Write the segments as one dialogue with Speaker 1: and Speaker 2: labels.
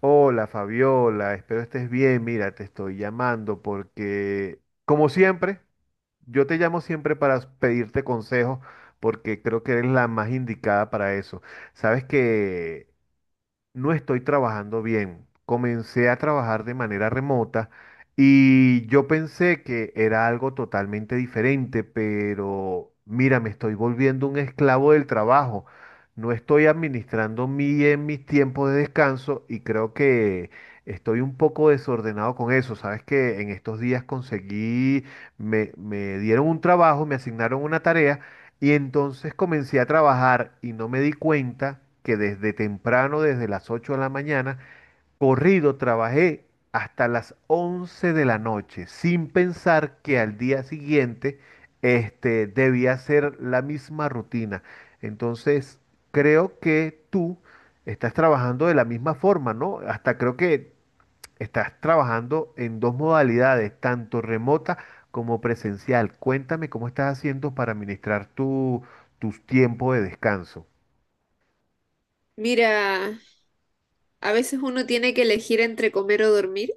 Speaker 1: Hola Fabiola, espero estés bien. Mira, te estoy llamando porque, como siempre, yo te llamo siempre para pedirte consejos porque creo que eres la más indicada para eso. Sabes que no estoy trabajando bien. Comencé a trabajar de manera remota y yo pensé que era algo totalmente diferente, pero mira, me estoy volviendo un esclavo del trabajo. No estoy administrando bien mis tiempos de descanso y creo que estoy un poco desordenado con eso. Sabes que en estos días conseguí, me dieron un trabajo, me asignaron una tarea. Y entonces comencé a trabajar y no me di cuenta que desde temprano, desde las 8 de la mañana, corrido trabajé hasta las 11 de la noche, sin pensar que al día siguiente debía hacer la misma rutina. Entonces, creo que tú estás trabajando de la misma forma, ¿no? Hasta creo que estás trabajando en dos modalidades, tanto remota como presencial. Cuéntame cómo estás haciendo para administrar tus tiempos de descanso.
Speaker 2: Mira, a veces uno tiene que elegir entre comer o dormir.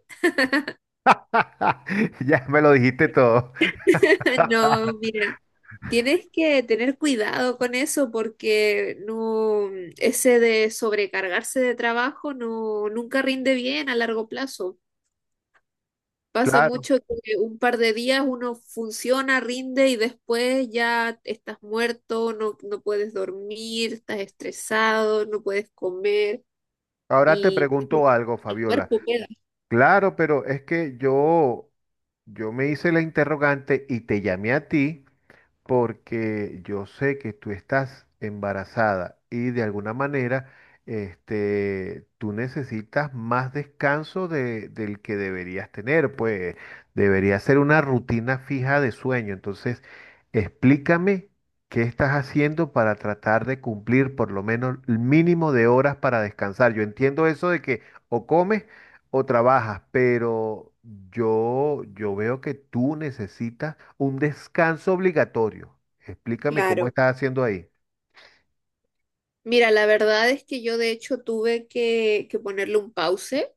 Speaker 1: Ya me lo dijiste todo.
Speaker 2: No, mira, tienes que tener cuidado con eso porque no, ese de sobrecargarse de trabajo no, nunca rinde bien a largo plazo. Pasa
Speaker 1: Claro.
Speaker 2: mucho que un par de días uno funciona, rinde y después ya estás muerto, no, no puedes dormir, estás estresado, no puedes comer
Speaker 1: Ahora te
Speaker 2: y
Speaker 1: pregunto algo,
Speaker 2: el
Speaker 1: Fabiola.
Speaker 2: cuerpo queda.
Speaker 1: Claro, pero es que yo me hice la interrogante y te llamé a ti porque yo sé que tú estás embarazada y de alguna manera tú necesitas más descanso del que deberías tener, pues debería ser una rutina fija de sueño. Entonces, explícame qué estás haciendo para tratar de cumplir por lo menos el mínimo de horas para descansar. Yo entiendo eso de que o comes o trabajas, pero yo veo que tú necesitas un descanso obligatorio. Explícame cómo
Speaker 2: Claro.
Speaker 1: estás haciendo ahí.
Speaker 2: Mira, la verdad es que yo de hecho tuve que ponerle un pause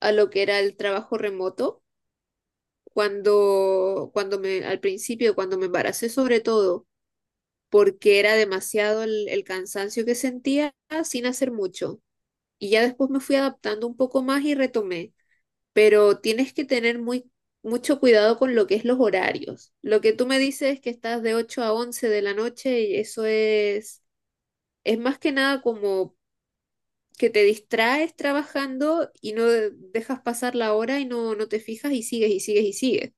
Speaker 2: a lo que era el trabajo remoto al principio, cuando me embaracé sobre todo, porque era demasiado el cansancio que sentía sin hacer mucho. Y ya después me fui adaptando un poco más y retomé. Pero tienes que tener mucho cuidado con lo que es los horarios. Lo que tú me dices es que estás de 8 a 11 de la noche y eso es... Es más que nada como que te distraes trabajando y no dejas pasar la hora y no, no te fijas y sigues y sigues y sigues.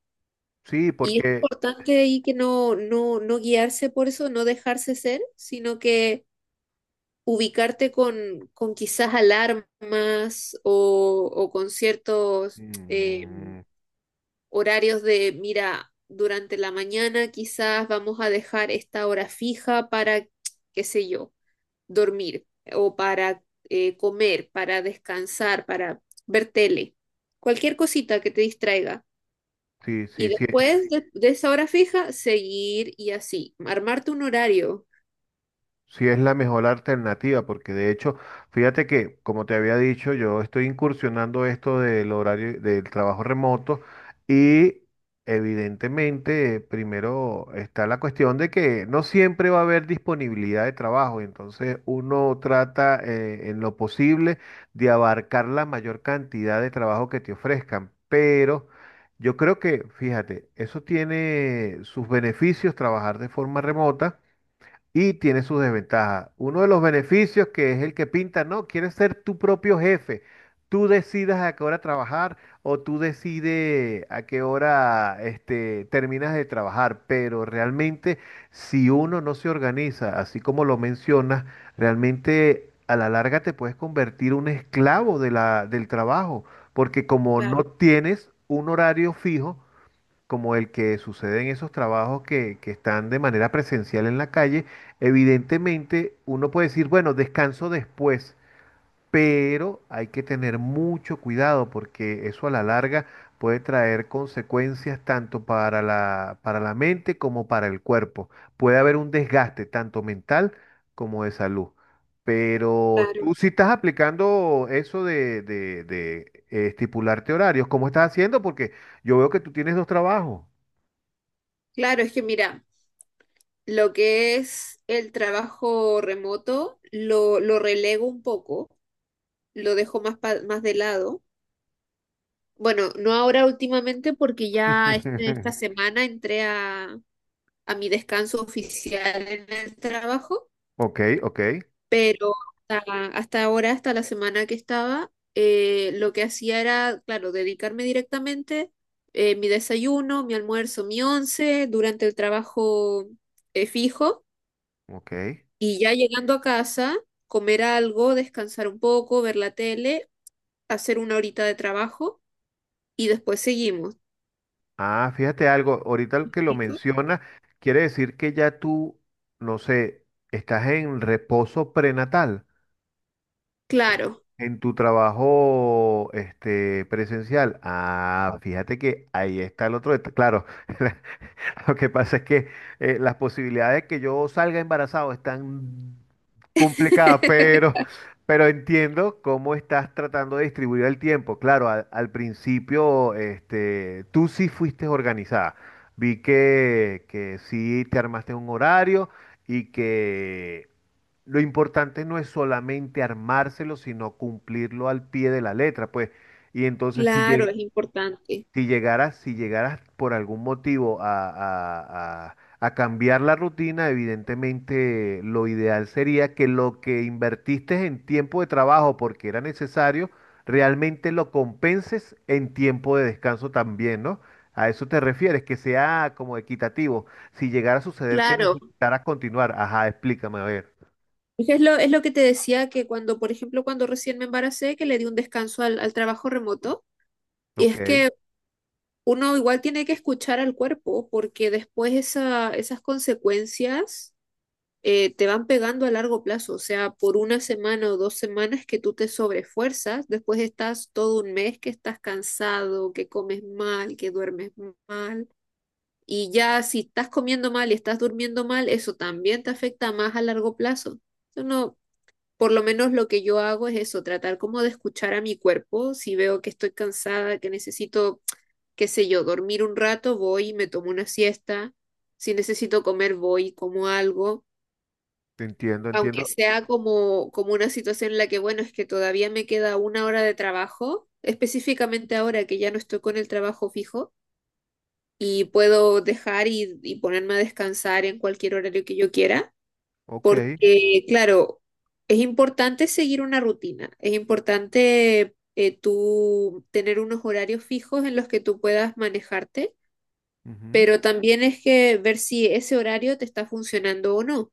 Speaker 1: Sí,
Speaker 2: Y es
Speaker 1: porque
Speaker 2: importante ahí que no, no, no guiarse por eso, no dejarse ser, sino que ubicarte con quizás alarmas o con ciertos
Speaker 1: mm,
Speaker 2: horarios mira, durante la mañana quizás vamos a dejar esta hora fija para, qué sé yo, dormir o para comer, para descansar, para ver tele, cualquier cosita que te distraiga.
Speaker 1: sí,
Speaker 2: Y
Speaker 1: sí, sí.
Speaker 2: después de esa hora fija, seguir y así, armarte un horario.
Speaker 1: Sí, es la mejor alternativa, porque de hecho, fíjate que, como te había dicho, yo estoy incursionando esto del horario del trabajo remoto y evidentemente, primero está la cuestión de que no siempre va a haber disponibilidad de trabajo, entonces uno trata en lo posible de abarcar la mayor cantidad de trabajo que te ofrezcan, pero yo creo que, fíjate, eso tiene sus beneficios trabajar de forma remota. Y tiene sus desventajas. Uno de los beneficios que es el que pinta, no, quieres ser tu propio jefe. Tú decidas a qué hora trabajar o tú decides a qué hora terminas de trabajar. Pero realmente, si uno no se organiza, así como lo mencionas, realmente a la larga te puedes convertir un esclavo de del trabajo. Porque como no
Speaker 2: Claro,
Speaker 1: tienes un horario fijo, como el que sucede en esos trabajos que están de manera presencial en la calle, evidentemente uno puede decir, bueno, descanso después, pero hay que tener mucho cuidado porque eso a la larga puede traer consecuencias tanto para para la mente como para el cuerpo. Puede haber un desgaste tanto mental como de salud. Pero tú
Speaker 2: claro,
Speaker 1: si estás aplicando eso de estipularte horarios, ¿cómo estás haciendo? Porque yo veo que tú tienes dos trabajos.
Speaker 2: claro, es que mira, lo que es el trabajo remoto lo relego un poco, lo dejo más, más de lado. Bueno, no ahora últimamente porque ya esta semana entré a mi descanso oficial en el trabajo.
Speaker 1: Ok, ok,
Speaker 2: Pero hasta ahora, hasta la semana que estaba, lo que hacía era, claro, dedicarme directamente, mi desayuno, mi almuerzo, mi once durante el trabajo, fijo,
Speaker 1: ok.
Speaker 2: y ya llegando a casa, comer algo, descansar un poco, ver la tele, hacer una horita de trabajo y después seguimos.
Speaker 1: Ah, fíjate algo, ahorita que lo menciona, quiere decir que ya tú, no sé, estás en reposo prenatal
Speaker 2: Claro,
Speaker 1: en tu trabajo presencial. Ah, fíjate que ahí está el otro, detalle. Claro. Lo que pasa es que las posibilidades de que yo salga embarazado están complicadas, pero entiendo cómo estás tratando de distribuir el tiempo. Claro, al principio tú sí fuiste organizada. Vi que sí te armaste un horario y que lo importante no es solamente armárselo, sino cumplirlo al pie de la letra, pues. Y entonces
Speaker 2: claro, es importante.
Speaker 1: si llegaras, si llegaras por algún motivo a, a cambiar la rutina, evidentemente lo ideal sería que lo que invertiste en tiempo de trabajo porque era necesario, realmente lo compenses en tiempo de descanso también, ¿no? A eso te refieres, que sea como equitativo. Si llegara a suceder que
Speaker 2: Claro,
Speaker 1: necesitaras continuar, ajá, explícame, a ver.
Speaker 2: es que es lo que te decía que cuando, por ejemplo, cuando recién me embaracé, que le di un descanso al, al trabajo remoto, y
Speaker 1: Ok,
Speaker 2: es que uno igual tiene que escuchar al cuerpo, porque después esas consecuencias, te van pegando a largo plazo, o sea, por una semana o 2 semanas que tú te sobrefuerzas, después estás todo un mes que estás cansado, que comes mal, que duermes mal. Y ya si estás comiendo mal y estás durmiendo mal, eso también te afecta más a largo plazo. Eso no, por lo menos lo que yo hago es eso, tratar como de escuchar a mi cuerpo. Si veo que estoy cansada, que necesito, qué sé yo, dormir un rato, voy y me tomo una siesta. Si necesito comer, voy y como algo.
Speaker 1: te entiendo,
Speaker 2: Aunque
Speaker 1: entiendo.
Speaker 2: sea como, como una situación en la que, bueno, es que todavía me queda una hora de trabajo, específicamente ahora que ya no estoy con el trabajo fijo y puedo dejar y ponerme a descansar en cualquier horario que yo quiera,
Speaker 1: Ok.
Speaker 2: porque, claro, es importante seguir una rutina, es importante, tú tener unos horarios fijos en los que tú puedas manejarte,
Speaker 1: Ujú.
Speaker 2: pero también es que ver si ese horario te está funcionando o no.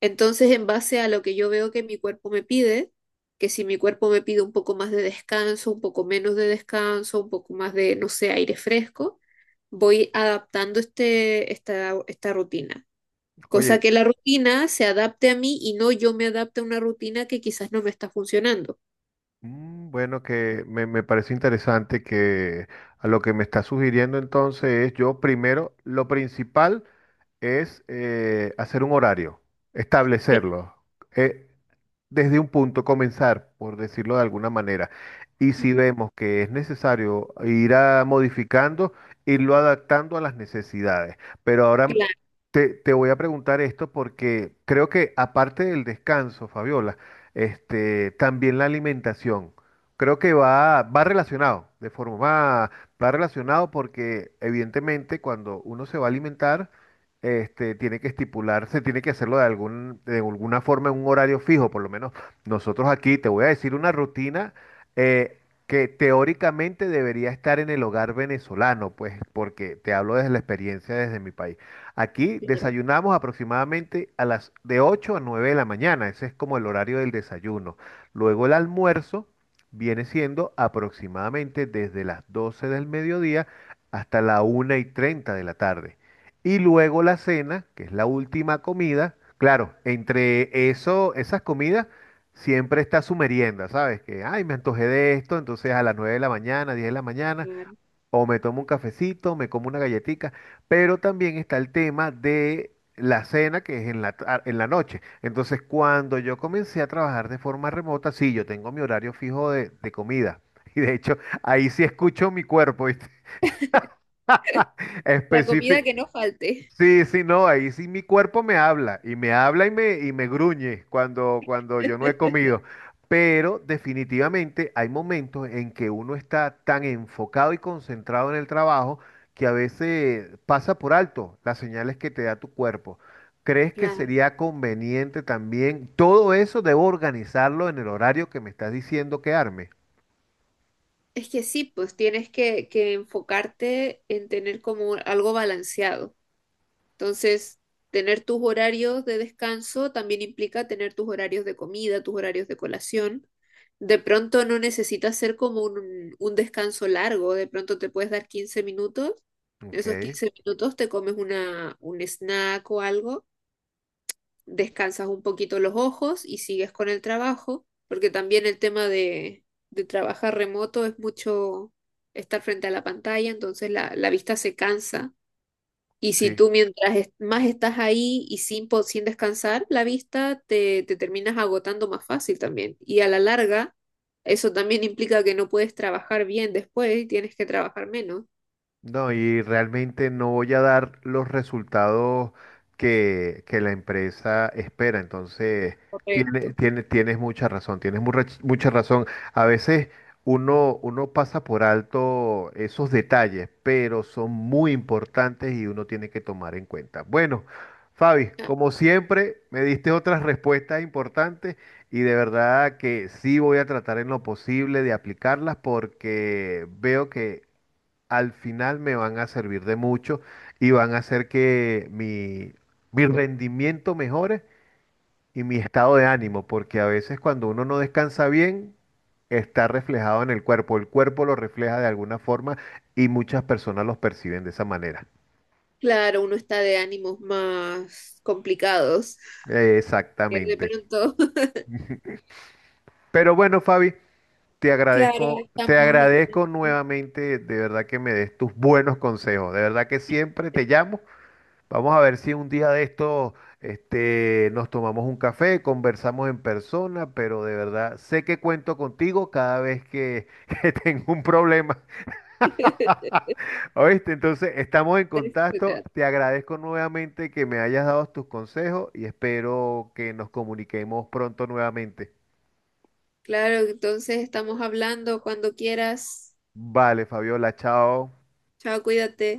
Speaker 2: Entonces, en base a lo que yo veo que mi cuerpo me pide, que si mi cuerpo me pide un poco más de descanso, un poco menos de descanso, un poco más de, no sé, aire fresco, voy adaptando este, esta rutina. Cosa
Speaker 1: Oye,
Speaker 2: que la rutina se adapte a mí y no yo me adapte a una rutina que quizás no me está funcionando.
Speaker 1: mm, bueno, que me parece interesante que a lo que me está sugiriendo entonces es yo primero, lo principal es hacer un horario,
Speaker 2: Cla-
Speaker 1: establecerlo. Eh, desde un punto, comenzar, por decirlo de alguna manera. Y si vemos que es necesario modificando, irlo adaptando a las necesidades. Pero ahora
Speaker 2: Claro,
Speaker 1: te voy a preguntar esto porque creo que aparte del descanso, Fabiola, también la alimentación. Creo que va relacionado, de forma, va relacionado porque evidentemente cuando uno se va a alimentar, tiene que estipularse, tiene que hacerlo de algún, de alguna forma en un horario fijo, por lo menos nosotros aquí, te voy a decir una rutina eh, que teóricamente debería estar en el hogar venezolano, pues, porque te hablo desde la experiencia desde mi país. Aquí
Speaker 2: claro,
Speaker 1: desayunamos aproximadamente a las de 8 a 9 de la mañana, ese es como el horario del desayuno. Luego el almuerzo viene siendo aproximadamente desde las 12 del mediodía hasta la 1:30 de la tarde. Y luego la cena, que es la última comida. Claro, entre eso, esas comidas, siempre está su merienda, ¿sabes? Que, ay, me antojé de esto, entonces a las 9 de la mañana, 10 de la mañana,
Speaker 2: claro.
Speaker 1: o me tomo un cafecito, me como una galletita, pero también está el tema de la cena, que es en la, en la noche. Entonces, cuando yo comencé a trabajar de forma remota, sí, yo tengo mi horario fijo de comida. Y de hecho, ahí sí escucho mi cuerpo, ¿viste?
Speaker 2: La comida
Speaker 1: Específico.
Speaker 2: que no falte.
Speaker 1: Sí, sí, no, ahí sí mi cuerpo me habla y y me gruñe cuando yo no he comido. Pero definitivamente hay momentos en que uno está tan enfocado y concentrado en el trabajo que a veces pasa por alto las señales que te da tu cuerpo. ¿Crees que
Speaker 2: Claro.
Speaker 1: sería conveniente también? Todo eso debo organizarlo en el horario que me estás diciendo que arme.
Speaker 2: Es que sí, pues tienes que enfocarte en tener como algo balanceado. Entonces, tener tus horarios de descanso también implica tener tus horarios de comida, tus horarios de colación. De pronto no necesitas ser como un descanso largo, de pronto te puedes dar 15 minutos,
Speaker 1: Ok,
Speaker 2: esos 15 minutos te comes un snack o algo, descansas un poquito los ojos y sigues con el trabajo, porque también el tema de trabajar remoto es mucho estar frente a la pantalla, entonces la vista se cansa, y si
Speaker 1: sí.
Speaker 2: tú mientras más estás ahí y sin, sin descansar, la vista te terminas agotando más fácil también. Y a la larga, eso también implica que no puedes trabajar bien después y tienes que trabajar menos.
Speaker 1: No, y realmente no voy a dar los resultados que la empresa espera. Entonces,
Speaker 2: Correcto.
Speaker 1: tienes mucha razón, tienes mucha razón. A veces uno pasa por alto esos detalles, pero son muy importantes y uno tiene que tomar en cuenta. Bueno, Fabi,
Speaker 2: Ah,
Speaker 1: como siempre, me diste otras respuestas importantes y de verdad que sí voy a tratar en lo posible de aplicarlas porque veo que al final me van a servir de mucho y van a hacer que mi rendimiento mejore y mi estado de ánimo, porque a veces cuando uno no descansa bien, está reflejado en el cuerpo lo refleja de alguna forma y muchas personas los perciben de esa manera.
Speaker 2: claro, uno está de ánimos más complicados. Que de
Speaker 1: Exactamente.
Speaker 2: pronto,
Speaker 1: Pero bueno, Fabi,
Speaker 2: claro,
Speaker 1: te
Speaker 2: estamos en...
Speaker 1: agradezco nuevamente, de verdad que me des tus buenos consejos, de verdad que siempre te llamo. Vamos a ver si un día de esto, nos tomamos un café, conversamos en persona, pero de verdad sé que cuento contigo cada vez que, que tengo un problema. ¿Oíste? Entonces, estamos en contacto. Te agradezco nuevamente que me hayas dado tus consejos y espero que nos comuniquemos pronto nuevamente.
Speaker 2: Claro, entonces estamos hablando cuando quieras.
Speaker 1: Vale, Fabiola, chao.
Speaker 2: Chao, cuídate.